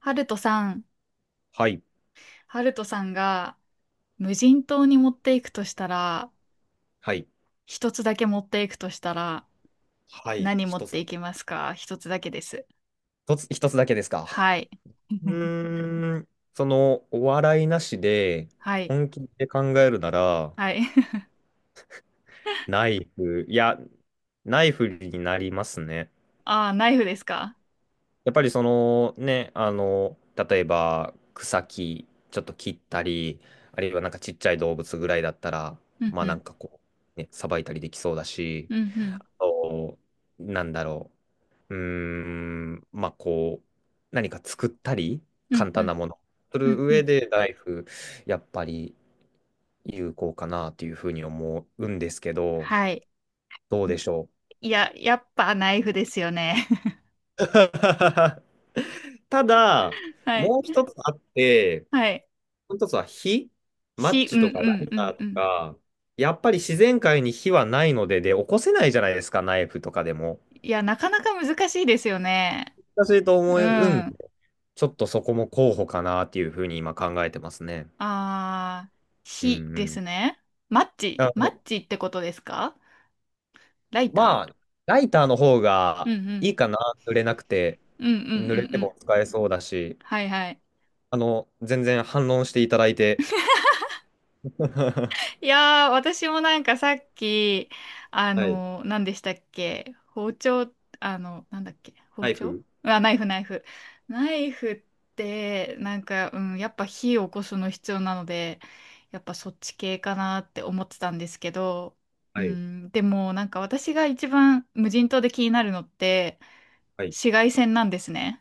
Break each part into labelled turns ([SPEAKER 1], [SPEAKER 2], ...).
[SPEAKER 1] ハルトさん、
[SPEAKER 2] はい。
[SPEAKER 1] ハルトさんが無人島に持っていくとしたら、
[SPEAKER 2] はい。
[SPEAKER 1] 一つだけ持っていくとしたら、
[SPEAKER 2] はい、
[SPEAKER 1] 何持っ
[SPEAKER 2] 一
[SPEAKER 1] てい
[SPEAKER 2] つ。
[SPEAKER 1] きますか？一つだけです。
[SPEAKER 2] 一つ、一つだけですか？
[SPEAKER 1] はい。
[SPEAKER 2] う ーん。その、お笑いなしで、
[SPEAKER 1] はい。
[SPEAKER 2] 本気で考えるなら、
[SPEAKER 1] はい。
[SPEAKER 2] ナイフ、いや、ナイフになりますね。
[SPEAKER 1] ああ、ナイフですか？
[SPEAKER 2] やっぱりその、ね、あの、例えば、草木、ちょっと切ったり、あるいはなんかちっちゃい動物ぐらいだったら、
[SPEAKER 1] うん
[SPEAKER 2] ま
[SPEAKER 1] う
[SPEAKER 2] あな
[SPEAKER 1] ん。
[SPEAKER 2] んかこう、ね、さばいたりできそうだし、
[SPEAKER 1] うんうん。
[SPEAKER 2] あと、なんだろうまあこう、何か作ったり、
[SPEAKER 1] うん
[SPEAKER 2] 簡
[SPEAKER 1] う
[SPEAKER 2] 単
[SPEAKER 1] ん。
[SPEAKER 2] なもの、す
[SPEAKER 1] う
[SPEAKER 2] る
[SPEAKER 1] んう
[SPEAKER 2] 上
[SPEAKER 1] ん。
[SPEAKER 2] で、ナイフ、やっぱり有効かなというふうに思うんですけど、
[SPEAKER 1] はい。
[SPEAKER 2] どうでしょう。
[SPEAKER 1] いや、やっぱナイフですよね。
[SPEAKER 2] ただ、
[SPEAKER 1] はい。
[SPEAKER 2] もう一つあって、
[SPEAKER 1] はい。
[SPEAKER 2] もう一つは火、マッ
[SPEAKER 1] う
[SPEAKER 2] チ
[SPEAKER 1] んう
[SPEAKER 2] とかライ
[SPEAKER 1] んう
[SPEAKER 2] タ
[SPEAKER 1] ん
[SPEAKER 2] ー
[SPEAKER 1] う
[SPEAKER 2] と
[SPEAKER 1] ん。
[SPEAKER 2] か、やっぱり自然界に火はないので、で、起こせないじゃないですか、ナイフとかでも。
[SPEAKER 1] いや、なかなか難しいですよね。
[SPEAKER 2] 難しいと
[SPEAKER 1] う
[SPEAKER 2] 思うんで、
[SPEAKER 1] ん。
[SPEAKER 2] ちょっとそこも候補かなっていうふうに今考えてますね。
[SPEAKER 1] あー、
[SPEAKER 2] う
[SPEAKER 1] 火
[SPEAKER 2] んう
[SPEAKER 1] です
[SPEAKER 2] ん。
[SPEAKER 1] ね。マッチ、
[SPEAKER 2] あ
[SPEAKER 1] マ
[SPEAKER 2] の、
[SPEAKER 1] ッチってことですか？ライタ
[SPEAKER 2] まあ、ライターの方
[SPEAKER 1] ー、
[SPEAKER 2] が
[SPEAKER 1] うんう
[SPEAKER 2] い
[SPEAKER 1] ん。
[SPEAKER 2] いかな、濡れなくて、
[SPEAKER 1] うんうんうんう
[SPEAKER 2] 濡れて
[SPEAKER 1] ん。
[SPEAKER 2] も使えそうだし、
[SPEAKER 1] はいはい。
[SPEAKER 2] あの、全然反論していただいて。
[SPEAKER 1] いやー、私もなんかさっき、
[SPEAKER 2] はい。
[SPEAKER 1] 何でしたっけ？包丁。なんだっけ？包
[SPEAKER 2] ナイ
[SPEAKER 1] 丁。
[SPEAKER 2] フ。
[SPEAKER 1] あ、ナイフナイフ。ナイフって、なんか、うん、やっぱ火を起こすの必要なので、やっぱそっち系かなって思ってたんですけど、う
[SPEAKER 2] はい。
[SPEAKER 1] ん、でもなんか私が一番無人島で気になるのって、
[SPEAKER 2] はい。
[SPEAKER 1] 紫外線なんですね。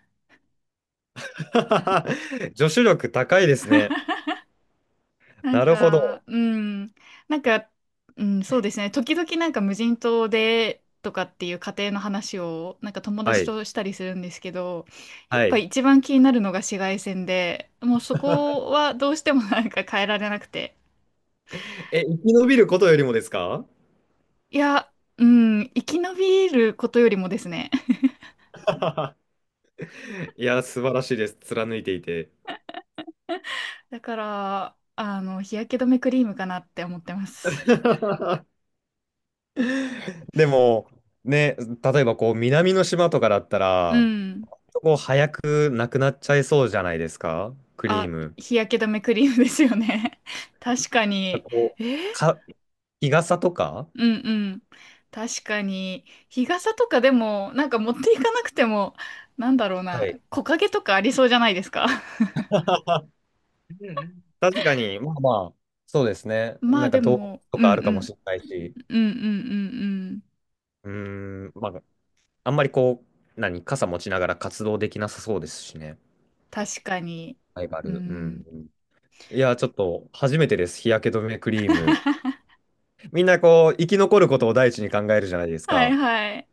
[SPEAKER 2] 助手力高いですね。
[SPEAKER 1] なん
[SPEAKER 2] なるほ
[SPEAKER 1] か、
[SPEAKER 2] ど。
[SPEAKER 1] うん、なんか、うん、そうですね。時々なんか無人島でとかっていう家庭の話をなんか友
[SPEAKER 2] は
[SPEAKER 1] 達
[SPEAKER 2] い。
[SPEAKER 1] としたりするんですけど、や
[SPEAKER 2] は
[SPEAKER 1] っぱ
[SPEAKER 2] い。
[SPEAKER 1] 一番気になるのが紫外線で、もうそこはどうしてもなんか変えられなくて。
[SPEAKER 2] え、生き延びることよりもですか？
[SPEAKER 1] いや、うん、生き延びることよりもですね。
[SPEAKER 2] いや、素晴らしいです。貫いていて。
[SPEAKER 1] だから、日焼け止めクリームかなって思ってます。
[SPEAKER 2] でも、ね、例えばこう、南の島とかだった
[SPEAKER 1] う
[SPEAKER 2] ら、
[SPEAKER 1] ん。
[SPEAKER 2] もう早くなくなっちゃいそうじゃないですか、クリー
[SPEAKER 1] あ、
[SPEAKER 2] ム。
[SPEAKER 1] 日焼け止めクリームですよね。確かに。
[SPEAKER 2] こ
[SPEAKER 1] えー
[SPEAKER 2] う、日傘とか。
[SPEAKER 1] うんうん。確かに。日傘とかでも、なんか持っていかなくても、なんだろう
[SPEAKER 2] は
[SPEAKER 1] な、
[SPEAKER 2] い。
[SPEAKER 1] 木陰とかありそうじゃないですか。
[SPEAKER 2] あ、確かに、まあまあ、そうですね。
[SPEAKER 1] ま
[SPEAKER 2] な
[SPEAKER 1] あ
[SPEAKER 2] んか
[SPEAKER 1] で
[SPEAKER 2] どう
[SPEAKER 1] も、
[SPEAKER 2] と
[SPEAKER 1] う
[SPEAKER 2] か
[SPEAKER 1] ん
[SPEAKER 2] あ
[SPEAKER 1] う
[SPEAKER 2] るかも
[SPEAKER 1] ん。
[SPEAKER 2] しれないし、
[SPEAKER 1] うんうんうんうん。
[SPEAKER 2] うーまあ、あんまりこう、傘持ちながら活動できなさそうですしね。
[SPEAKER 1] 確かに。
[SPEAKER 2] ライバ
[SPEAKER 1] う
[SPEAKER 2] ル。うん。
[SPEAKER 1] ん。
[SPEAKER 2] いや、ちょっと、初めてです。日焼け止めクリーム。みんなこう、生き残ることを第一に考えるじゃないです
[SPEAKER 1] はい
[SPEAKER 2] か。
[SPEAKER 1] はい。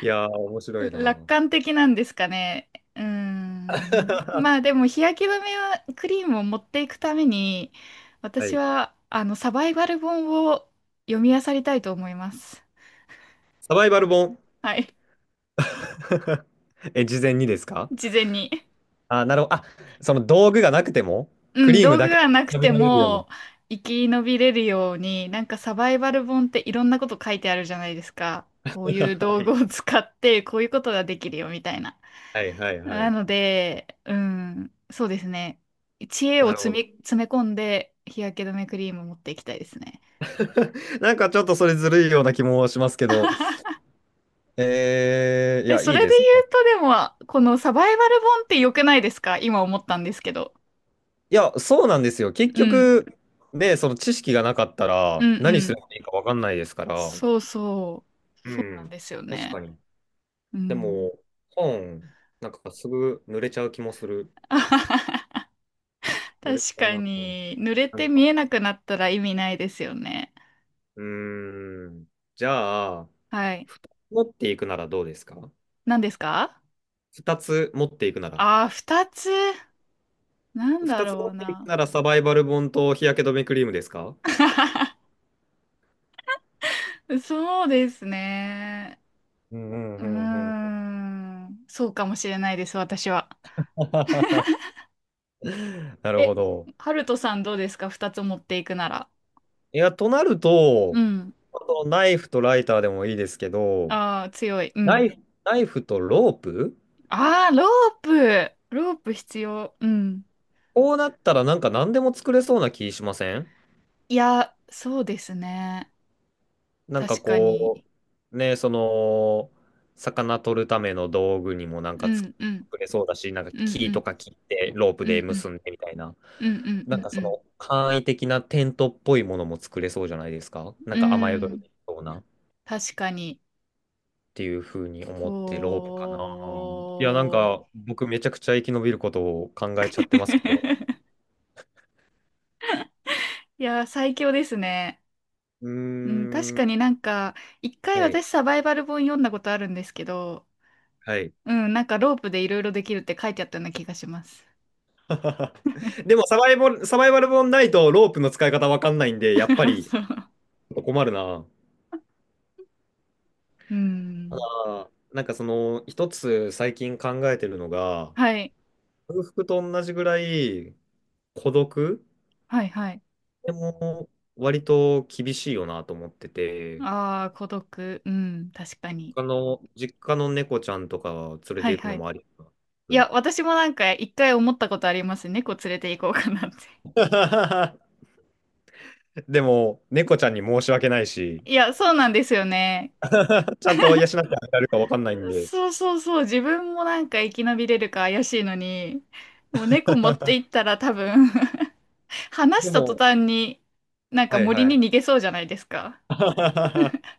[SPEAKER 2] いやー、面白いな。
[SPEAKER 1] 楽 観的なんですかね。うーん。まあ
[SPEAKER 2] は
[SPEAKER 1] でも日焼け止めはクリームを持っていくために、私
[SPEAKER 2] い。
[SPEAKER 1] はあのサバイバル本を読み漁りたいと思います。
[SPEAKER 2] サバイバル本。
[SPEAKER 1] はい。
[SPEAKER 2] え、事前にですか？
[SPEAKER 1] 事前に。
[SPEAKER 2] あ、なるほど。あ、その道具がなくても、ク
[SPEAKER 1] うん、
[SPEAKER 2] リーム
[SPEAKER 1] 道具
[SPEAKER 2] だけ。
[SPEAKER 1] がなく
[SPEAKER 2] 食べ
[SPEAKER 1] て
[SPEAKER 2] られるような。
[SPEAKER 1] も生き延びれるように、なんかサバイバル本っていろんなこと書いてあるじゃないですか。こういう
[SPEAKER 2] は
[SPEAKER 1] 道具
[SPEAKER 2] い
[SPEAKER 1] を使ってこういうことができるよみたいな。
[SPEAKER 2] はいはいは
[SPEAKER 1] な
[SPEAKER 2] い。
[SPEAKER 1] ので、うん、そうですね。知恵を
[SPEAKER 2] なるほ
[SPEAKER 1] 詰め、
[SPEAKER 2] ど。
[SPEAKER 1] 詰め込んで日焼け止めクリームを持っていきたいですね。
[SPEAKER 2] なんかちょっとそれずるいような気もしますけど、い
[SPEAKER 1] え、
[SPEAKER 2] や、
[SPEAKER 1] そ
[SPEAKER 2] いい
[SPEAKER 1] れ
[SPEAKER 2] で
[SPEAKER 1] で
[SPEAKER 2] すね。
[SPEAKER 1] 言うとでも、このサバイバル本って良くないですか？今思ったんですけど。
[SPEAKER 2] いや、そうなんですよ。結
[SPEAKER 1] うん、
[SPEAKER 2] 局、ね、その知識がなかった
[SPEAKER 1] う
[SPEAKER 2] ら、
[SPEAKER 1] ん、
[SPEAKER 2] 何
[SPEAKER 1] う
[SPEAKER 2] す
[SPEAKER 1] ん。
[SPEAKER 2] ればいいかわかんないですから。
[SPEAKER 1] そうそう。
[SPEAKER 2] う
[SPEAKER 1] そうなん
[SPEAKER 2] ん。
[SPEAKER 1] ですよ
[SPEAKER 2] 確か
[SPEAKER 1] ね。
[SPEAKER 2] に。
[SPEAKER 1] う
[SPEAKER 2] で
[SPEAKER 1] ん。
[SPEAKER 2] も、本、なんかすぐ濡れちゃう気もする。濡れち
[SPEAKER 1] 確
[SPEAKER 2] ゃう
[SPEAKER 1] か
[SPEAKER 2] な。
[SPEAKER 1] に、濡れ
[SPEAKER 2] なん
[SPEAKER 1] て
[SPEAKER 2] か、
[SPEAKER 1] 見えなくなったら意味ないですよね。
[SPEAKER 2] うーん。じゃあ、
[SPEAKER 1] はい。
[SPEAKER 2] 持っていくならどうですか？
[SPEAKER 1] 何ですか？
[SPEAKER 2] 二つ持っていくなら。
[SPEAKER 1] ああー、二つ。なんだ
[SPEAKER 2] 二つ
[SPEAKER 1] ろ
[SPEAKER 2] 持
[SPEAKER 1] う
[SPEAKER 2] っていく
[SPEAKER 1] な。
[SPEAKER 2] ならサバイバル本と日焼け止めクリームですか？
[SPEAKER 1] そうですね。
[SPEAKER 2] うんうん
[SPEAKER 1] うー
[SPEAKER 2] うんうん。
[SPEAKER 1] ん。そうかもしれないです、私は。
[SPEAKER 2] なるほ
[SPEAKER 1] え、
[SPEAKER 2] ど。
[SPEAKER 1] ハルトさんどうですか？二つ持っていくなら。
[SPEAKER 2] いや、となる
[SPEAKER 1] う
[SPEAKER 2] と、
[SPEAKER 1] ん。
[SPEAKER 2] あとナイフとライターでもいいですけど、
[SPEAKER 1] ああ、強い。う
[SPEAKER 2] ナイ
[SPEAKER 1] ん。
[SPEAKER 2] フ、ナイフとロープ。
[SPEAKER 1] ああ、ロープ。ロープ必要。うん。
[SPEAKER 2] こうなったらなんか何でも作れそうな気しません？
[SPEAKER 1] いや、そうですね。
[SPEAKER 2] なんか
[SPEAKER 1] 確かに。
[SPEAKER 2] こう、ね、その、魚取るための道具にもなん
[SPEAKER 1] う
[SPEAKER 2] か作
[SPEAKER 1] ん、うん、
[SPEAKER 2] れそうだし、なんか
[SPEAKER 1] う
[SPEAKER 2] 木と
[SPEAKER 1] ん、
[SPEAKER 2] か切ってロープ
[SPEAKER 1] う
[SPEAKER 2] で
[SPEAKER 1] ん、うん、う
[SPEAKER 2] 結んでみたいな、
[SPEAKER 1] ん、うん、う
[SPEAKER 2] なん
[SPEAKER 1] ん、
[SPEAKER 2] か
[SPEAKER 1] う
[SPEAKER 2] そ
[SPEAKER 1] ん、
[SPEAKER 2] の簡易的なテントっぽいものも作れそうじゃないですか。な
[SPEAKER 1] う
[SPEAKER 2] んか雨
[SPEAKER 1] ん。
[SPEAKER 2] 宿
[SPEAKER 1] う
[SPEAKER 2] り
[SPEAKER 1] ん、
[SPEAKER 2] にそうなっ
[SPEAKER 1] 確かに。
[SPEAKER 2] ていうふうに思ってロープかな。いや、なん
[SPEAKER 1] おー。
[SPEAKER 2] か僕めちゃくちゃ生き延びることを考えちゃってますけど。
[SPEAKER 1] いや、最強ですね。
[SPEAKER 2] うー
[SPEAKER 1] うん、確か
[SPEAKER 2] ん、
[SPEAKER 1] になんか、一回
[SPEAKER 2] はい、
[SPEAKER 1] 私サバイバル本読んだことあるんですけど、
[SPEAKER 2] はい。
[SPEAKER 1] うん、なんかロープでいろいろできるって書いてあったような気がします。
[SPEAKER 2] でもサバイバル本ないとロープの使い方わかんないんで、やっぱ り。
[SPEAKER 1] そう。
[SPEAKER 2] 困るな。
[SPEAKER 1] う
[SPEAKER 2] た
[SPEAKER 1] ん。
[SPEAKER 2] だ、なんかその、一つ最近考えてるのが、
[SPEAKER 1] はい。
[SPEAKER 2] 空腹と同じぐらい孤独
[SPEAKER 1] はいはい。
[SPEAKER 2] でも割と厳しいよなと思ってて、
[SPEAKER 1] ああ、孤独。うん、確かに。
[SPEAKER 2] あの、実家の猫ちゃんとか連れ
[SPEAKER 1] は
[SPEAKER 2] て
[SPEAKER 1] い
[SPEAKER 2] 行く
[SPEAKER 1] は
[SPEAKER 2] の
[SPEAKER 1] い。
[SPEAKER 2] もありかな。
[SPEAKER 1] い
[SPEAKER 2] うん。
[SPEAKER 1] や、私もなんか一回思ったことあります。猫連れて行こうかなって。
[SPEAKER 2] でも、猫ちゃんに申し訳ないし、
[SPEAKER 1] いや、そうなんですよね。
[SPEAKER 2] ちゃんと養ってあげられるかわかんないんで。
[SPEAKER 1] そうそうそう。自分もなんか生き延びれるか怪しいのに、もう猫持って行ったら多分 話し
[SPEAKER 2] で
[SPEAKER 1] た途
[SPEAKER 2] も、
[SPEAKER 1] 端になんか
[SPEAKER 2] はい
[SPEAKER 1] 森
[SPEAKER 2] は
[SPEAKER 1] に逃
[SPEAKER 2] い。
[SPEAKER 1] げそうじゃないですか。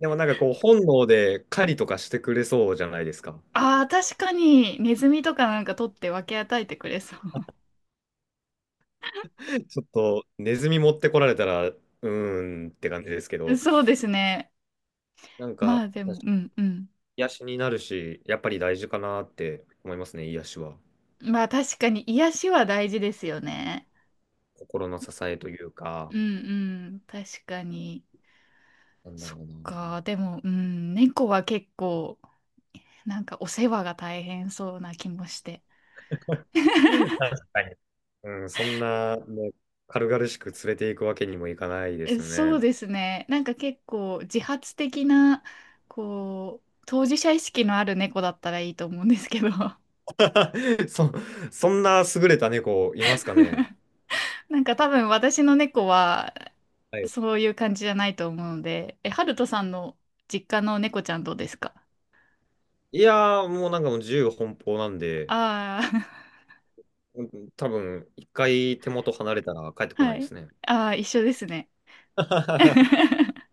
[SPEAKER 2] でもなんかこう、本能で狩りとかしてくれそうじゃないですか。
[SPEAKER 1] ああ、確かにネズミとかなんか取って分け与えてくれそ
[SPEAKER 2] ちょっとネズミ持ってこられたら、うーんって感じですけ
[SPEAKER 1] う。
[SPEAKER 2] ど、
[SPEAKER 1] そうですね。
[SPEAKER 2] なん
[SPEAKER 1] ま
[SPEAKER 2] か、
[SPEAKER 1] あでも、うんうん。
[SPEAKER 2] 癒しになるし、やっぱり大事かなって思いますね、癒しは。
[SPEAKER 1] まあ確かに癒しは大事ですよね。
[SPEAKER 2] 心の支えという
[SPEAKER 1] う
[SPEAKER 2] か、
[SPEAKER 1] んうん。確かに。
[SPEAKER 2] なんだ
[SPEAKER 1] そ
[SPEAKER 2] ろ
[SPEAKER 1] っ
[SPEAKER 2] うな。
[SPEAKER 1] か。でも、うん。猫は結構なんかお世話が大変そうな気もして。
[SPEAKER 2] 確かに。うん、そんな、ね、軽々しく連れていくわけにもいかないで
[SPEAKER 1] え、
[SPEAKER 2] すよ
[SPEAKER 1] そう
[SPEAKER 2] ね。
[SPEAKER 1] ですね。なんか結構自発的な、こう、当事者意識のある猫だったらいいと思うんですけど。
[SPEAKER 2] そ、そんな優れた猫いますかね。
[SPEAKER 1] なんか多分私の猫は
[SPEAKER 2] はい。
[SPEAKER 1] そういう感じじゃないと思うので、え、ハルトさんの実家の猫ちゃんどうですか？
[SPEAKER 2] いやー、もうなんかもう自由奔放なんで、
[SPEAKER 1] あ
[SPEAKER 2] うん、多分一回手元離れたら帰って
[SPEAKER 1] あー、
[SPEAKER 2] こな
[SPEAKER 1] は
[SPEAKER 2] いで
[SPEAKER 1] い。
[SPEAKER 2] すね。
[SPEAKER 1] ああ、一緒ですね。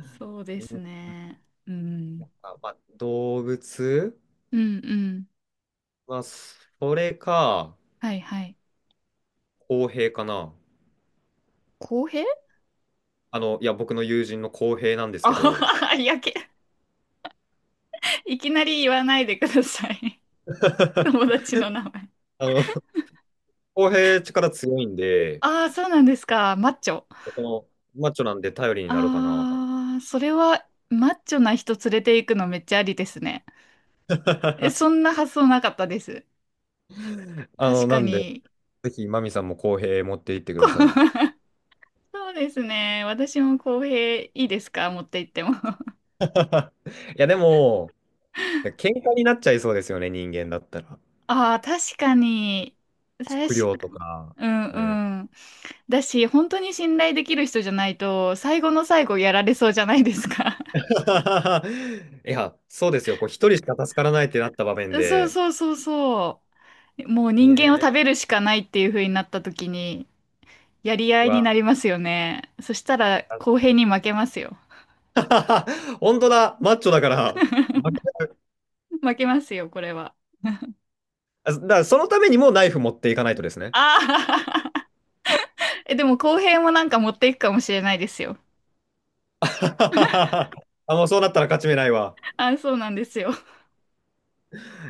[SPEAKER 1] そうで
[SPEAKER 2] う
[SPEAKER 1] す
[SPEAKER 2] ん。
[SPEAKER 1] ね。うん。
[SPEAKER 2] あ、まあ、
[SPEAKER 1] うんうん。
[SPEAKER 2] まあ、それか、
[SPEAKER 1] はいはい。
[SPEAKER 2] 公平かな。
[SPEAKER 1] 公平。
[SPEAKER 2] あの、いや、僕の友人の公平なんです
[SPEAKER 1] あ
[SPEAKER 2] け
[SPEAKER 1] は
[SPEAKER 2] ど、
[SPEAKER 1] は、いやけ、いきなり言わないでください。友 達の名前。
[SPEAKER 2] あの、公平力強いんで、
[SPEAKER 1] ああ、そうなんですか。マッチョ。
[SPEAKER 2] こマッチョなんで頼りになるかな。
[SPEAKER 1] ああ、それはマッチョな人連れて行くのめっちゃありですね。え、そ んな発想なかったです。
[SPEAKER 2] あ
[SPEAKER 1] 確
[SPEAKER 2] の、
[SPEAKER 1] か
[SPEAKER 2] なんで、
[SPEAKER 1] に。
[SPEAKER 2] ぜひ、マミさんも公平持っていってく
[SPEAKER 1] こ
[SPEAKER 2] ださい。
[SPEAKER 1] そうですね。私も公平いいですか？持って行っても。
[SPEAKER 2] いや、でも、喧嘩になっちゃいそうですよね、人間だったら。
[SPEAKER 1] ああ、確かに。確
[SPEAKER 2] 食料
[SPEAKER 1] か、
[SPEAKER 2] とか。
[SPEAKER 1] う
[SPEAKER 2] うん。
[SPEAKER 1] んうん。だし、本当に信頼できる人じゃないと、最後の最後やられそうじゃないですか。
[SPEAKER 2] いや、そうですよ。こう、一人しか助からないってなった場面
[SPEAKER 1] そう
[SPEAKER 2] で。
[SPEAKER 1] そうそうそう。もう
[SPEAKER 2] ね
[SPEAKER 1] 人間を食
[SPEAKER 2] え
[SPEAKER 1] べるしかないっていう風になった時に、やり合いに
[SPEAKER 2] は、
[SPEAKER 1] なりますよね。そしたら公平に負けますよ。
[SPEAKER 2] 本当だ、マッチョだから、
[SPEAKER 1] 負けますよ、これは。
[SPEAKER 2] あだからそのためにもナイフ持っていかないとですね。
[SPEAKER 1] ああえ、でも後編もなんか持っていくかもしれないですよ。
[SPEAKER 2] あ、もうそうなったら勝ち目ないわ。
[SPEAKER 1] あ、そうなんですよ。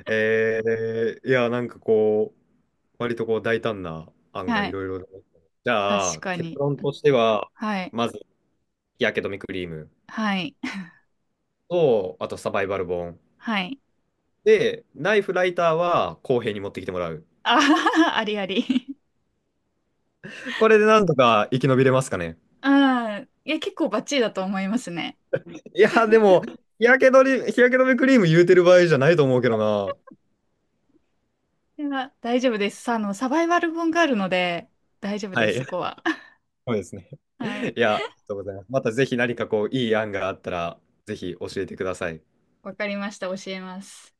[SPEAKER 2] えいや、なんかこう、割とこう大胆な案が
[SPEAKER 1] は
[SPEAKER 2] い
[SPEAKER 1] い。
[SPEAKER 2] ろいろ。じゃ
[SPEAKER 1] 確
[SPEAKER 2] あ、
[SPEAKER 1] か
[SPEAKER 2] 結
[SPEAKER 1] に。
[SPEAKER 2] 論としては、
[SPEAKER 1] はい。
[SPEAKER 2] まず、日焼け止めクリーム
[SPEAKER 1] はい。
[SPEAKER 2] と、あとサバイバル本。
[SPEAKER 1] はい。
[SPEAKER 2] で、ナイフライターは公平に持ってきてもらう。
[SPEAKER 1] あははありあり。
[SPEAKER 2] これでなんとか生き延びれますかね。
[SPEAKER 1] あん。いや、結構バッチリだと思いますね。
[SPEAKER 2] いや、でも、日焼け止めクリーム言うてる場合じゃないと思うけどな。
[SPEAKER 1] いや、大丈夫です。サバイバル本があるので、大丈夫
[SPEAKER 2] は
[SPEAKER 1] です、そ
[SPEAKER 2] い。
[SPEAKER 1] こは。
[SPEAKER 2] そうですね。
[SPEAKER 1] はい。
[SPEAKER 2] いや、ありがとうございます。またぜひ何かこう、いい案があったら、ぜひ教えてください。
[SPEAKER 1] わかりました。教えます。